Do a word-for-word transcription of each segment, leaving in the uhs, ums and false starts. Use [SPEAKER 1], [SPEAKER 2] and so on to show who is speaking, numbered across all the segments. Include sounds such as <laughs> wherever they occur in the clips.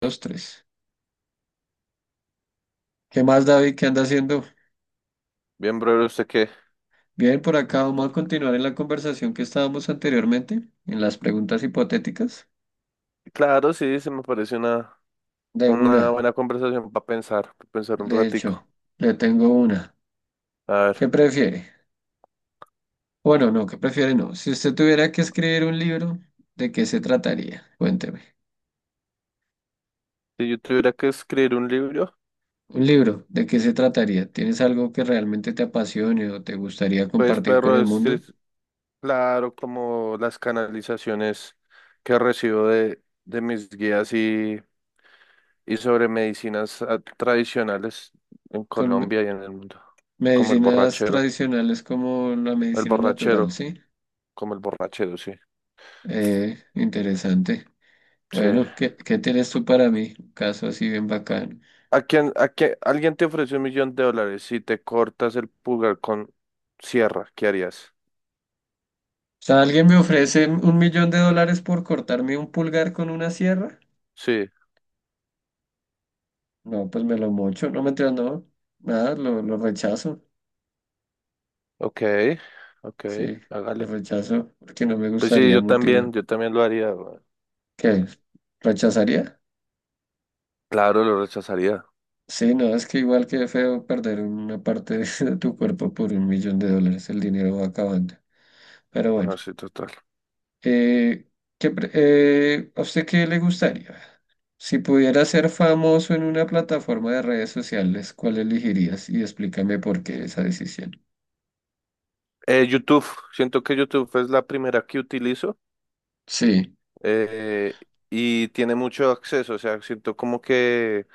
[SPEAKER 1] Dos, tres. ¿Qué más, David? ¿Qué anda haciendo?
[SPEAKER 2] Bien, brother, ¿usted qué?
[SPEAKER 1] Bien, por acá vamos a continuar en la conversación que estábamos anteriormente, en las preguntas hipotéticas.
[SPEAKER 2] Claro, sí, se me parece una,
[SPEAKER 1] De
[SPEAKER 2] una
[SPEAKER 1] una,
[SPEAKER 2] buena conversación para pensar, para pensar un
[SPEAKER 1] de hecho,
[SPEAKER 2] ratico.
[SPEAKER 1] le tengo una.
[SPEAKER 2] A
[SPEAKER 1] ¿Qué
[SPEAKER 2] ver,
[SPEAKER 1] prefiere? Bueno, no, ¿qué prefiere? No. Si usted tuviera que escribir un libro, ¿de qué se trataría? Cuénteme.
[SPEAKER 2] si yo tuviera que escribir un libro,
[SPEAKER 1] Un libro, ¿de qué se trataría? ¿Tienes algo que realmente te apasione o te gustaría
[SPEAKER 2] pues,
[SPEAKER 1] compartir con
[SPEAKER 2] perro,
[SPEAKER 1] el
[SPEAKER 2] es que
[SPEAKER 1] mundo?
[SPEAKER 2] es claro como las canalizaciones que recibo de, de mis guías y, y sobre medicinas ah, tradicionales en
[SPEAKER 1] Con me-
[SPEAKER 2] Colombia y en el mundo, como el
[SPEAKER 1] medicinas
[SPEAKER 2] borrachero,
[SPEAKER 1] tradicionales como la
[SPEAKER 2] el
[SPEAKER 1] medicina natural,
[SPEAKER 2] borrachero,
[SPEAKER 1] ¿sí?
[SPEAKER 2] como el borrachero, sí,
[SPEAKER 1] Eh, interesante.
[SPEAKER 2] sí.
[SPEAKER 1] Bueno, ¿qué, qué tienes tú para mí? Un caso así bien bacano.
[SPEAKER 2] ¿A quién, a quién- alguien te ofrece un millón de dólares si te cortas el pulgar con sierra? ¿Qué harías?
[SPEAKER 1] O sea, ¿alguien me ofrece un millón de dólares por cortarme un pulgar con una sierra?
[SPEAKER 2] Sí,
[SPEAKER 1] No, pues me lo mocho. No, mentiras, no. Nada, lo, lo rechazo.
[SPEAKER 2] ok, ok,
[SPEAKER 1] Sí, lo
[SPEAKER 2] hágale.
[SPEAKER 1] rechazo porque no me
[SPEAKER 2] Pues sí,
[SPEAKER 1] gustaría
[SPEAKER 2] yo también,
[SPEAKER 1] mutilar.
[SPEAKER 2] yo también lo haría, güey.
[SPEAKER 1] ¿Qué? ¿Rechazaría?
[SPEAKER 2] Claro, lo rechazaría.
[SPEAKER 1] Sí, no, es que igual que feo perder una parte <laughs> de tu cuerpo por un millón de dólares. El dinero va acabando. Pero
[SPEAKER 2] No,
[SPEAKER 1] bueno.
[SPEAKER 2] sí, total.
[SPEAKER 1] Eh, ¿qué pre- eh, ¿a usted qué le gustaría? Si pudiera ser famoso en una plataforma de redes sociales, ¿cuál elegirías? Y explícame por qué esa decisión.
[SPEAKER 2] Eh, YouTube, siento que YouTube es la primera que utilizo,
[SPEAKER 1] Sí,
[SPEAKER 2] eh, y tiene mucho acceso. O sea, siento como que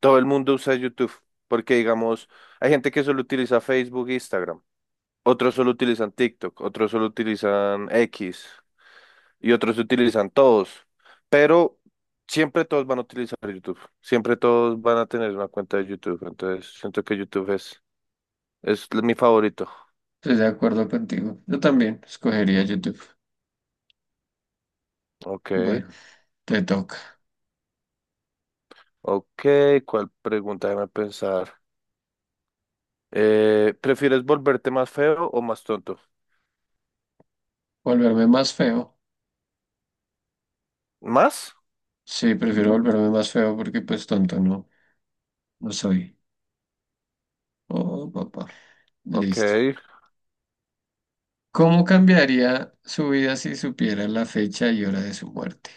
[SPEAKER 2] todo el mundo usa YouTube, porque digamos, hay gente que solo utiliza Facebook e Instagram. Otros solo utilizan TikTok, otros solo utilizan X y otros utilizan todos. Pero siempre todos van a utilizar YouTube. Siempre todos van a tener una cuenta de YouTube. Entonces siento que YouTube es, es mi favorito.
[SPEAKER 1] estoy de acuerdo contigo. Yo también escogería YouTube.
[SPEAKER 2] Ok,
[SPEAKER 1] Bueno, te toca.
[SPEAKER 2] ok. ¿Cuál pregunta? Déjame pensar. Eh, ¿prefieres volverte más feo o más tonto?
[SPEAKER 1] ¿Volverme más feo?
[SPEAKER 2] ¿Más?
[SPEAKER 1] Sí, prefiero volverme más feo porque pues tonto no, no soy. Oh, papá.
[SPEAKER 2] Ok.
[SPEAKER 1] Listo. ¿Cómo cambiaría su vida si supiera la fecha y hora de su muerte?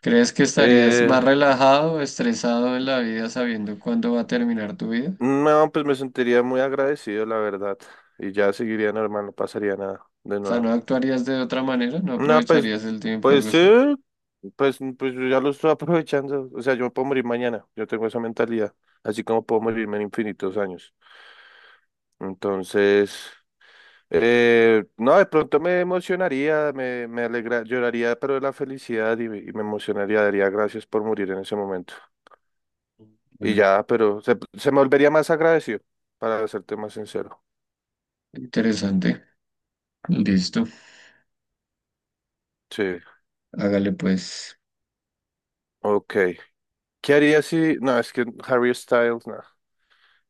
[SPEAKER 1] ¿Crees que estarías
[SPEAKER 2] Eh,
[SPEAKER 1] más relajado o estresado en la vida sabiendo cuándo va a terminar tu vida?
[SPEAKER 2] no, pues me sentiría muy agradecido, la verdad. Y ya seguiría normal, no pasaría nada de
[SPEAKER 1] O sea,
[SPEAKER 2] nuevo.
[SPEAKER 1] ¿no actuarías de otra manera? ¿No
[SPEAKER 2] No, pues,
[SPEAKER 1] aprovecharías el tiempo,
[SPEAKER 2] pues
[SPEAKER 1] algo
[SPEAKER 2] sí,
[SPEAKER 1] así?
[SPEAKER 2] pues, pues yo ya lo estoy <laughs> aprovechando. O sea, yo me puedo morir mañana. Yo tengo esa mentalidad. Así como puedo morirme en infinitos años. Entonces, eh, no, de pronto me emocionaría, me, me alegra, lloraría, pero de la felicidad, y, me y me emocionaría, daría gracias por morir en ese momento. Y
[SPEAKER 1] Bueno,
[SPEAKER 2] ya, pero se, se me volvería más agradecido, para serte más sincero.
[SPEAKER 1] interesante. Listo.
[SPEAKER 2] Sí,
[SPEAKER 1] Hágale pues.
[SPEAKER 2] ok. ¿Qué haría si...? No, es que Harry Styles, no.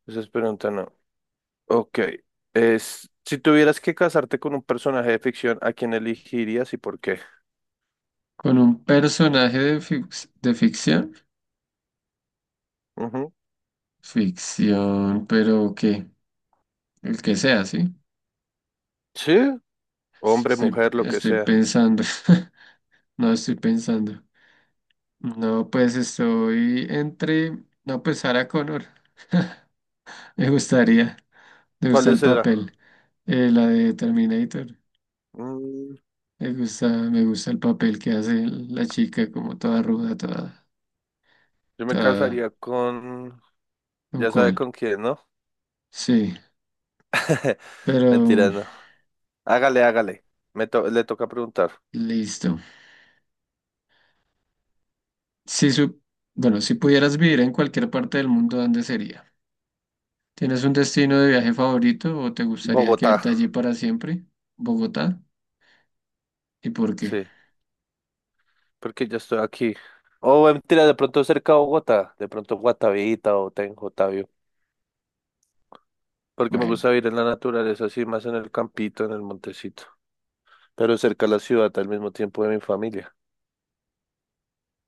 [SPEAKER 2] Esas preguntas no. Ok. Es, si tuvieras que casarte con un personaje de ficción, ¿a quién elegirías y por qué?
[SPEAKER 1] Con un personaje de, fic- de ficción.
[SPEAKER 2] Ujú.
[SPEAKER 1] Ficción, pero ¿qué? El que sea, ¿sí?
[SPEAKER 2] Sí, hombre,
[SPEAKER 1] Estoy,
[SPEAKER 2] mujer, lo que
[SPEAKER 1] estoy
[SPEAKER 2] sea.
[SPEAKER 1] pensando. <laughs> No estoy pensando. No, pues estoy entre. No, pues Sarah Connor. <laughs> Me gustaría. Me gusta
[SPEAKER 2] ¿Cuál
[SPEAKER 1] el
[SPEAKER 2] será?
[SPEAKER 1] papel. Eh, la de Terminator.
[SPEAKER 2] Mm,
[SPEAKER 1] Me gusta, me gusta el papel que hace la chica, como toda ruda, toda,
[SPEAKER 2] yo me
[SPEAKER 1] toda
[SPEAKER 2] casaría con...
[SPEAKER 1] un
[SPEAKER 2] Ya sabe
[SPEAKER 1] cual.
[SPEAKER 2] con quién, ¿no?
[SPEAKER 1] Sí,
[SPEAKER 2] <laughs>
[SPEAKER 1] pero
[SPEAKER 2] Mentira, no. Hágale, hágale. Me to- le toca preguntar.
[SPEAKER 1] listo. Si su, bueno, si pudieras vivir en cualquier parte del mundo, ¿dónde sería? ¿Tienes un destino de viaje favorito o te gustaría
[SPEAKER 2] Bogotá,
[SPEAKER 1] quedarte allí para siempre? ¿Bogotá? ¿Y por qué?
[SPEAKER 2] sí, porque yo estoy aquí. O eh, mentira, de pronto cerca de Bogotá, de pronto Guatavita o Tenjo, Tavio, porque me
[SPEAKER 1] Bueno,
[SPEAKER 2] gusta vivir en la naturaleza, así más en el campito, en el montecito. Pero cerca a la ciudad al mismo tiempo de mi familia.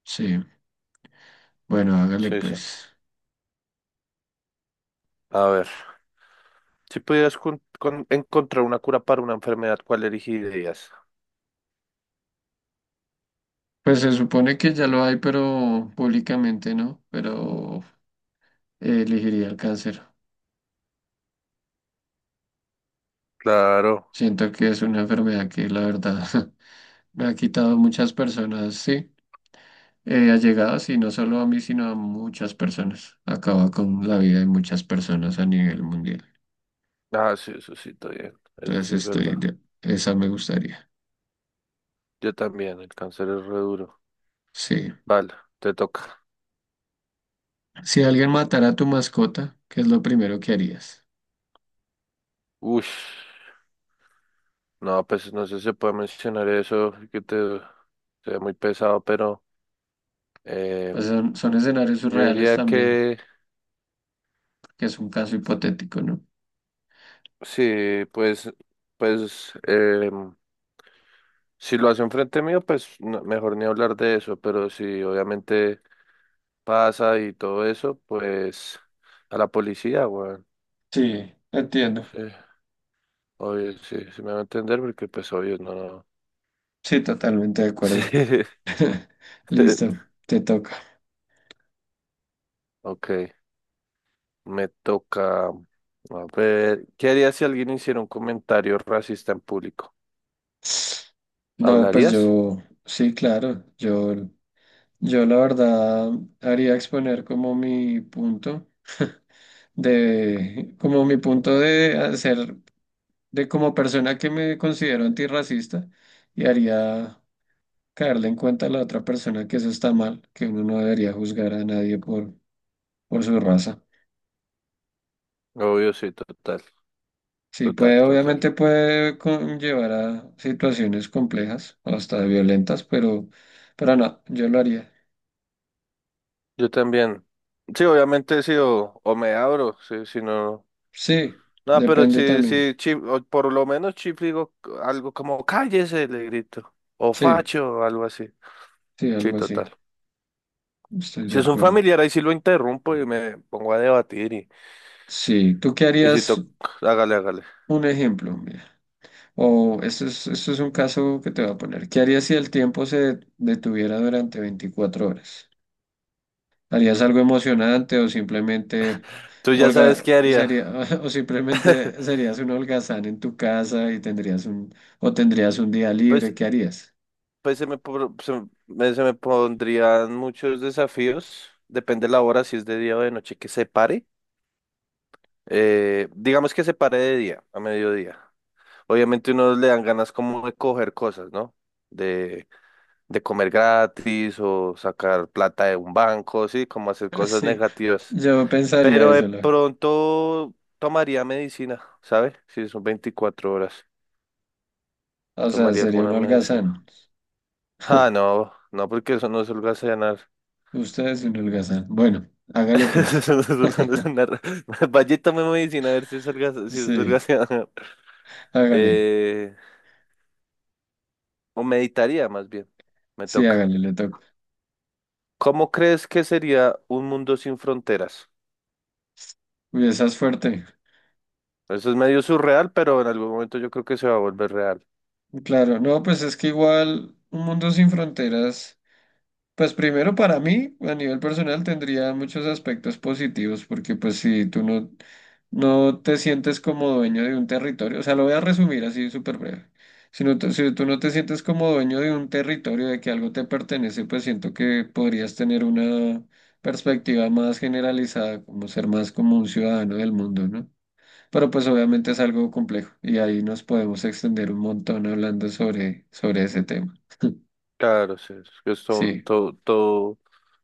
[SPEAKER 1] sí. Bueno, hágale
[SPEAKER 2] Sí, sí.
[SPEAKER 1] pues.
[SPEAKER 2] A ver, si pudieras con- con- encontrar una cura para una enfermedad, ¿cuál elegirías?
[SPEAKER 1] Pues se supone que ya lo hay, pero públicamente no, pero eh, elegiría el cáncer.
[SPEAKER 2] Claro.
[SPEAKER 1] Siento que es una enfermedad que la verdad <laughs> me ha quitado muchas personas, sí, eh, allegadas y no solo a mí, sino a muchas personas. Acaba con la vida de muchas personas a nivel mundial.
[SPEAKER 2] Ah, sí, eso sí, está bien. Eso
[SPEAKER 1] Entonces
[SPEAKER 2] sí es
[SPEAKER 1] estoy
[SPEAKER 2] verdad.
[SPEAKER 1] de- esa me gustaría.
[SPEAKER 2] Yo también, el cáncer es re duro.
[SPEAKER 1] Sí.
[SPEAKER 2] Vale, te toca.
[SPEAKER 1] Si alguien matara a tu mascota, ¿qué es lo primero que harías?
[SPEAKER 2] Uy, no, pues no sé si se puede mencionar eso, que te sea muy pesado, pero
[SPEAKER 1] Pues
[SPEAKER 2] em,
[SPEAKER 1] son, son escenarios
[SPEAKER 2] yo
[SPEAKER 1] surreales
[SPEAKER 2] diría
[SPEAKER 1] también,
[SPEAKER 2] que
[SPEAKER 1] que es un caso hipotético, ¿no?
[SPEAKER 2] sí, pues, pues, em, si lo hace enfrente mío, pues no- mejor ni hablar de eso, pero si obviamente pasa y todo eso, pues a la policía, weón.
[SPEAKER 1] Sí, entiendo.
[SPEAKER 2] Sí, obvio, sí, sí me va a entender porque pues obvio no. No.
[SPEAKER 1] Sí, totalmente de acuerdo.
[SPEAKER 2] <laughs> Sí.
[SPEAKER 1] <laughs> Listo, te toca.
[SPEAKER 2] Ok, me toca. A ver, ¿qué harías si alguien hiciera un comentario racista en público?
[SPEAKER 1] No, pues
[SPEAKER 2] ¿Hablarías?
[SPEAKER 1] yo, sí, claro, yo, yo la verdad haría exponer como mi punto <laughs> de, como mi punto de hacer, de como persona que me considero antirracista y haría caerle en cuenta a la otra persona que eso está mal, que uno no debería juzgar a nadie por, por su raza.
[SPEAKER 2] Obvio, sí, total,
[SPEAKER 1] Sí,
[SPEAKER 2] total,
[SPEAKER 1] puede,
[SPEAKER 2] total.
[SPEAKER 1] obviamente puede conllevar a situaciones complejas o hasta violentas, pero, pero no, yo lo haría.
[SPEAKER 2] Yo también. Sí, obviamente sí, o, o me abro, sí, si no.
[SPEAKER 1] Sí,
[SPEAKER 2] No, pero
[SPEAKER 1] depende
[SPEAKER 2] sí,
[SPEAKER 1] también.
[SPEAKER 2] sí, Chip, o por lo menos Chip le digo algo como cállese, le grito, o
[SPEAKER 1] Sí,
[SPEAKER 2] facho, o algo así.
[SPEAKER 1] sí,
[SPEAKER 2] Sí,
[SPEAKER 1] algo así.
[SPEAKER 2] total.
[SPEAKER 1] Estoy de
[SPEAKER 2] Si es un
[SPEAKER 1] acuerdo.
[SPEAKER 2] familiar, ahí sí lo interrumpo y me pongo a debatir y,
[SPEAKER 1] Sí, ¿tú qué
[SPEAKER 2] y si
[SPEAKER 1] harías?
[SPEAKER 2] toca, hágale, hágale.
[SPEAKER 1] Un ejemplo, mira. O esto es, esto es un caso que te voy a poner. ¿Qué harías si el tiempo se detuviera durante veinticuatro horas? ¿Harías algo emocionante o simplemente
[SPEAKER 2] Tú ya sabes
[SPEAKER 1] holga,
[SPEAKER 2] qué haría.
[SPEAKER 1] sería, <laughs> o simplemente serías un holgazán en tu casa y tendrías un, o tendrías un día
[SPEAKER 2] Pues,
[SPEAKER 1] libre? ¿Qué harías? <laughs>
[SPEAKER 2] pues se me, por- se me, se me pondrían muchos desafíos, depende de la hora, si es de día o de noche, que se pare. Eh, digamos que se pare de día, a mediodía. Obviamente uno le dan ganas como de coger cosas, ¿no? de de comer gratis o sacar plata de un banco, sí, como hacer cosas
[SPEAKER 1] Sí,
[SPEAKER 2] negativas.
[SPEAKER 1] yo pensaría
[SPEAKER 2] Pero de
[SPEAKER 1] eso, Laura.
[SPEAKER 2] pronto tomaría medicina, ¿sabe? Si son veinticuatro horas,
[SPEAKER 1] O sea,
[SPEAKER 2] tomaría
[SPEAKER 1] sería un
[SPEAKER 2] alguna medicina.
[SPEAKER 1] holgazán.
[SPEAKER 2] Ah, no, no, porque eso no es holgazanear.
[SPEAKER 1] Ustedes siempre holgazán. Bueno, hágale
[SPEAKER 2] <laughs>
[SPEAKER 1] pues.
[SPEAKER 2] Eso no es
[SPEAKER 1] <laughs>
[SPEAKER 2] holgazanear. <laughs> Vaya y tome medicina a ver si es holgaza- si es
[SPEAKER 1] Sí,
[SPEAKER 2] holgazanear.
[SPEAKER 1] hágale.
[SPEAKER 2] Eh, o meditaría más bien, me
[SPEAKER 1] Sí,
[SPEAKER 2] toca.
[SPEAKER 1] hágale, le toca.
[SPEAKER 2] ¿Cómo crees que sería un mundo sin fronteras?
[SPEAKER 1] Uy, esa es fuerte.
[SPEAKER 2] Eso es medio surreal, pero en algún momento yo creo que se va a volver real.
[SPEAKER 1] Claro, no, pues es que igual un mundo sin fronteras. Pues primero para mí, a nivel personal, tendría muchos aspectos positivos, porque pues si tú no, no te sientes como dueño de un territorio, o sea, lo voy a resumir así súper breve. Si no te- si tú no te sientes como dueño de un territorio, de que algo te pertenece, pues siento que podrías tener una perspectiva más generalizada, como ser más como un ciudadano del mundo, ¿no? Pero pues obviamente es algo complejo y ahí nos podemos extender un montón hablando sobre, sobre ese tema. <laughs>
[SPEAKER 2] Claro, sí, es que es todo un,
[SPEAKER 1] Sí.
[SPEAKER 2] todo, todo,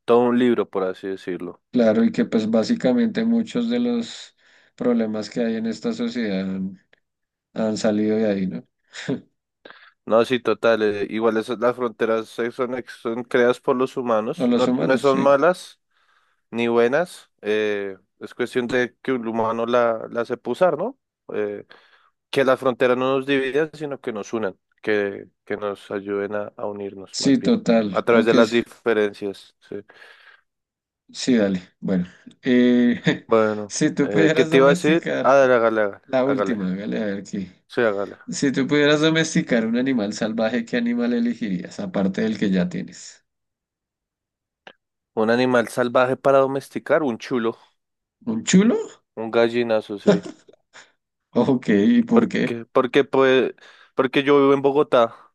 [SPEAKER 2] todo un libro, por así decirlo.
[SPEAKER 1] Claro, y que pues básicamente muchos de los problemas que hay en esta sociedad han, han salido de ahí, ¿no? <laughs>
[SPEAKER 2] No, sí, total, eh, igual esas, las fronteras eh, son, ex- son creadas por los
[SPEAKER 1] O
[SPEAKER 2] humanos,
[SPEAKER 1] los
[SPEAKER 2] no, no
[SPEAKER 1] humanos,
[SPEAKER 2] son
[SPEAKER 1] sí.
[SPEAKER 2] malas ni buenas, eh, es cuestión de que un humano la, la sepa usar, ¿no? Eh, que las fronteras no nos dividan, sino que nos unan, que, que nos ayuden a, a unirnos
[SPEAKER 1] Sí,
[SPEAKER 2] más bien, a
[SPEAKER 1] total,
[SPEAKER 2] través de
[SPEAKER 1] aunque
[SPEAKER 2] las
[SPEAKER 1] es-
[SPEAKER 2] diferencias, sí.
[SPEAKER 1] sí, dale. Bueno, eh, <laughs>
[SPEAKER 2] Bueno,
[SPEAKER 1] si tú
[SPEAKER 2] eh, ¿qué
[SPEAKER 1] pudieras
[SPEAKER 2] te iba a decir?
[SPEAKER 1] domesticar,
[SPEAKER 2] Ah, dale, hágale, hágale,
[SPEAKER 1] la
[SPEAKER 2] hágale,
[SPEAKER 1] última, hágale a ver aquí.
[SPEAKER 2] sí, hágale.
[SPEAKER 1] Si tú pudieras domesticar un animal salvaje, ¿qué animal elegirías, aparte del que ya tienes?
[SPEAKER 2] Un animal salvaje para domesticar, un chulo,
[SPEAKER 1] ¿Un chulo?
[SPEAKER 2] un gallinazo, sí.
[SPEAKER 1] Ok, ¿y por qué?
[SPEAKER 2] Porque, porque, pues, porque yo vivo en Bogotá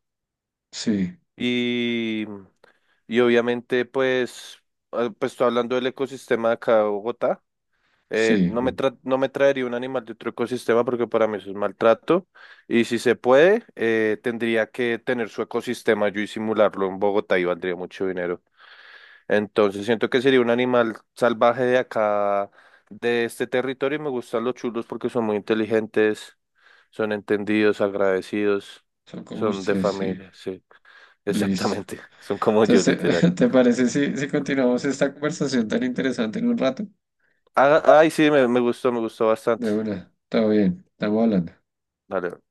[SPEAKER 1] Sí,
[SPEAKER 2] y, y obviamente, pues, ah, pues estoy hablando del ecosistema de acá de Bogotá. eh,
[SPEAKER 1] sí,
[SPEAKER 2] no me tra- no me traería un animal de otro ecosistema porque para mí eso es maltrato. Y si se puede, eh, tendría que tener su ecosistema yo y simularlo en Bogotá y valdría mucho dinero. Entonces siento que sería un animal salvaje de acá, de este territorio, y me gustan los chulos porque son muy inteligentes, son entendidos, agradecidos,
[SPEAKER 1] son como
[SPEAKER 2] son de
[SPEAKER 1] ustedes, sí.
[SPEAKER 2] familia, sí,
[SPEAKER 1] Listo.
[SPEAKER 2] exactamente, <laughs> son como yo, literal.
[SPEAKER 1] Entonces, <laughs> ¿te parece si, si continuamos esta conversación tan interesante en un rato?
[SPEAKER 2] Ah, ay, sí, me, me gustó, me gustó bastante.
[SPEAKER 1] De una, todo bien, estamos hablando.
[SPEAKER 2] Dale.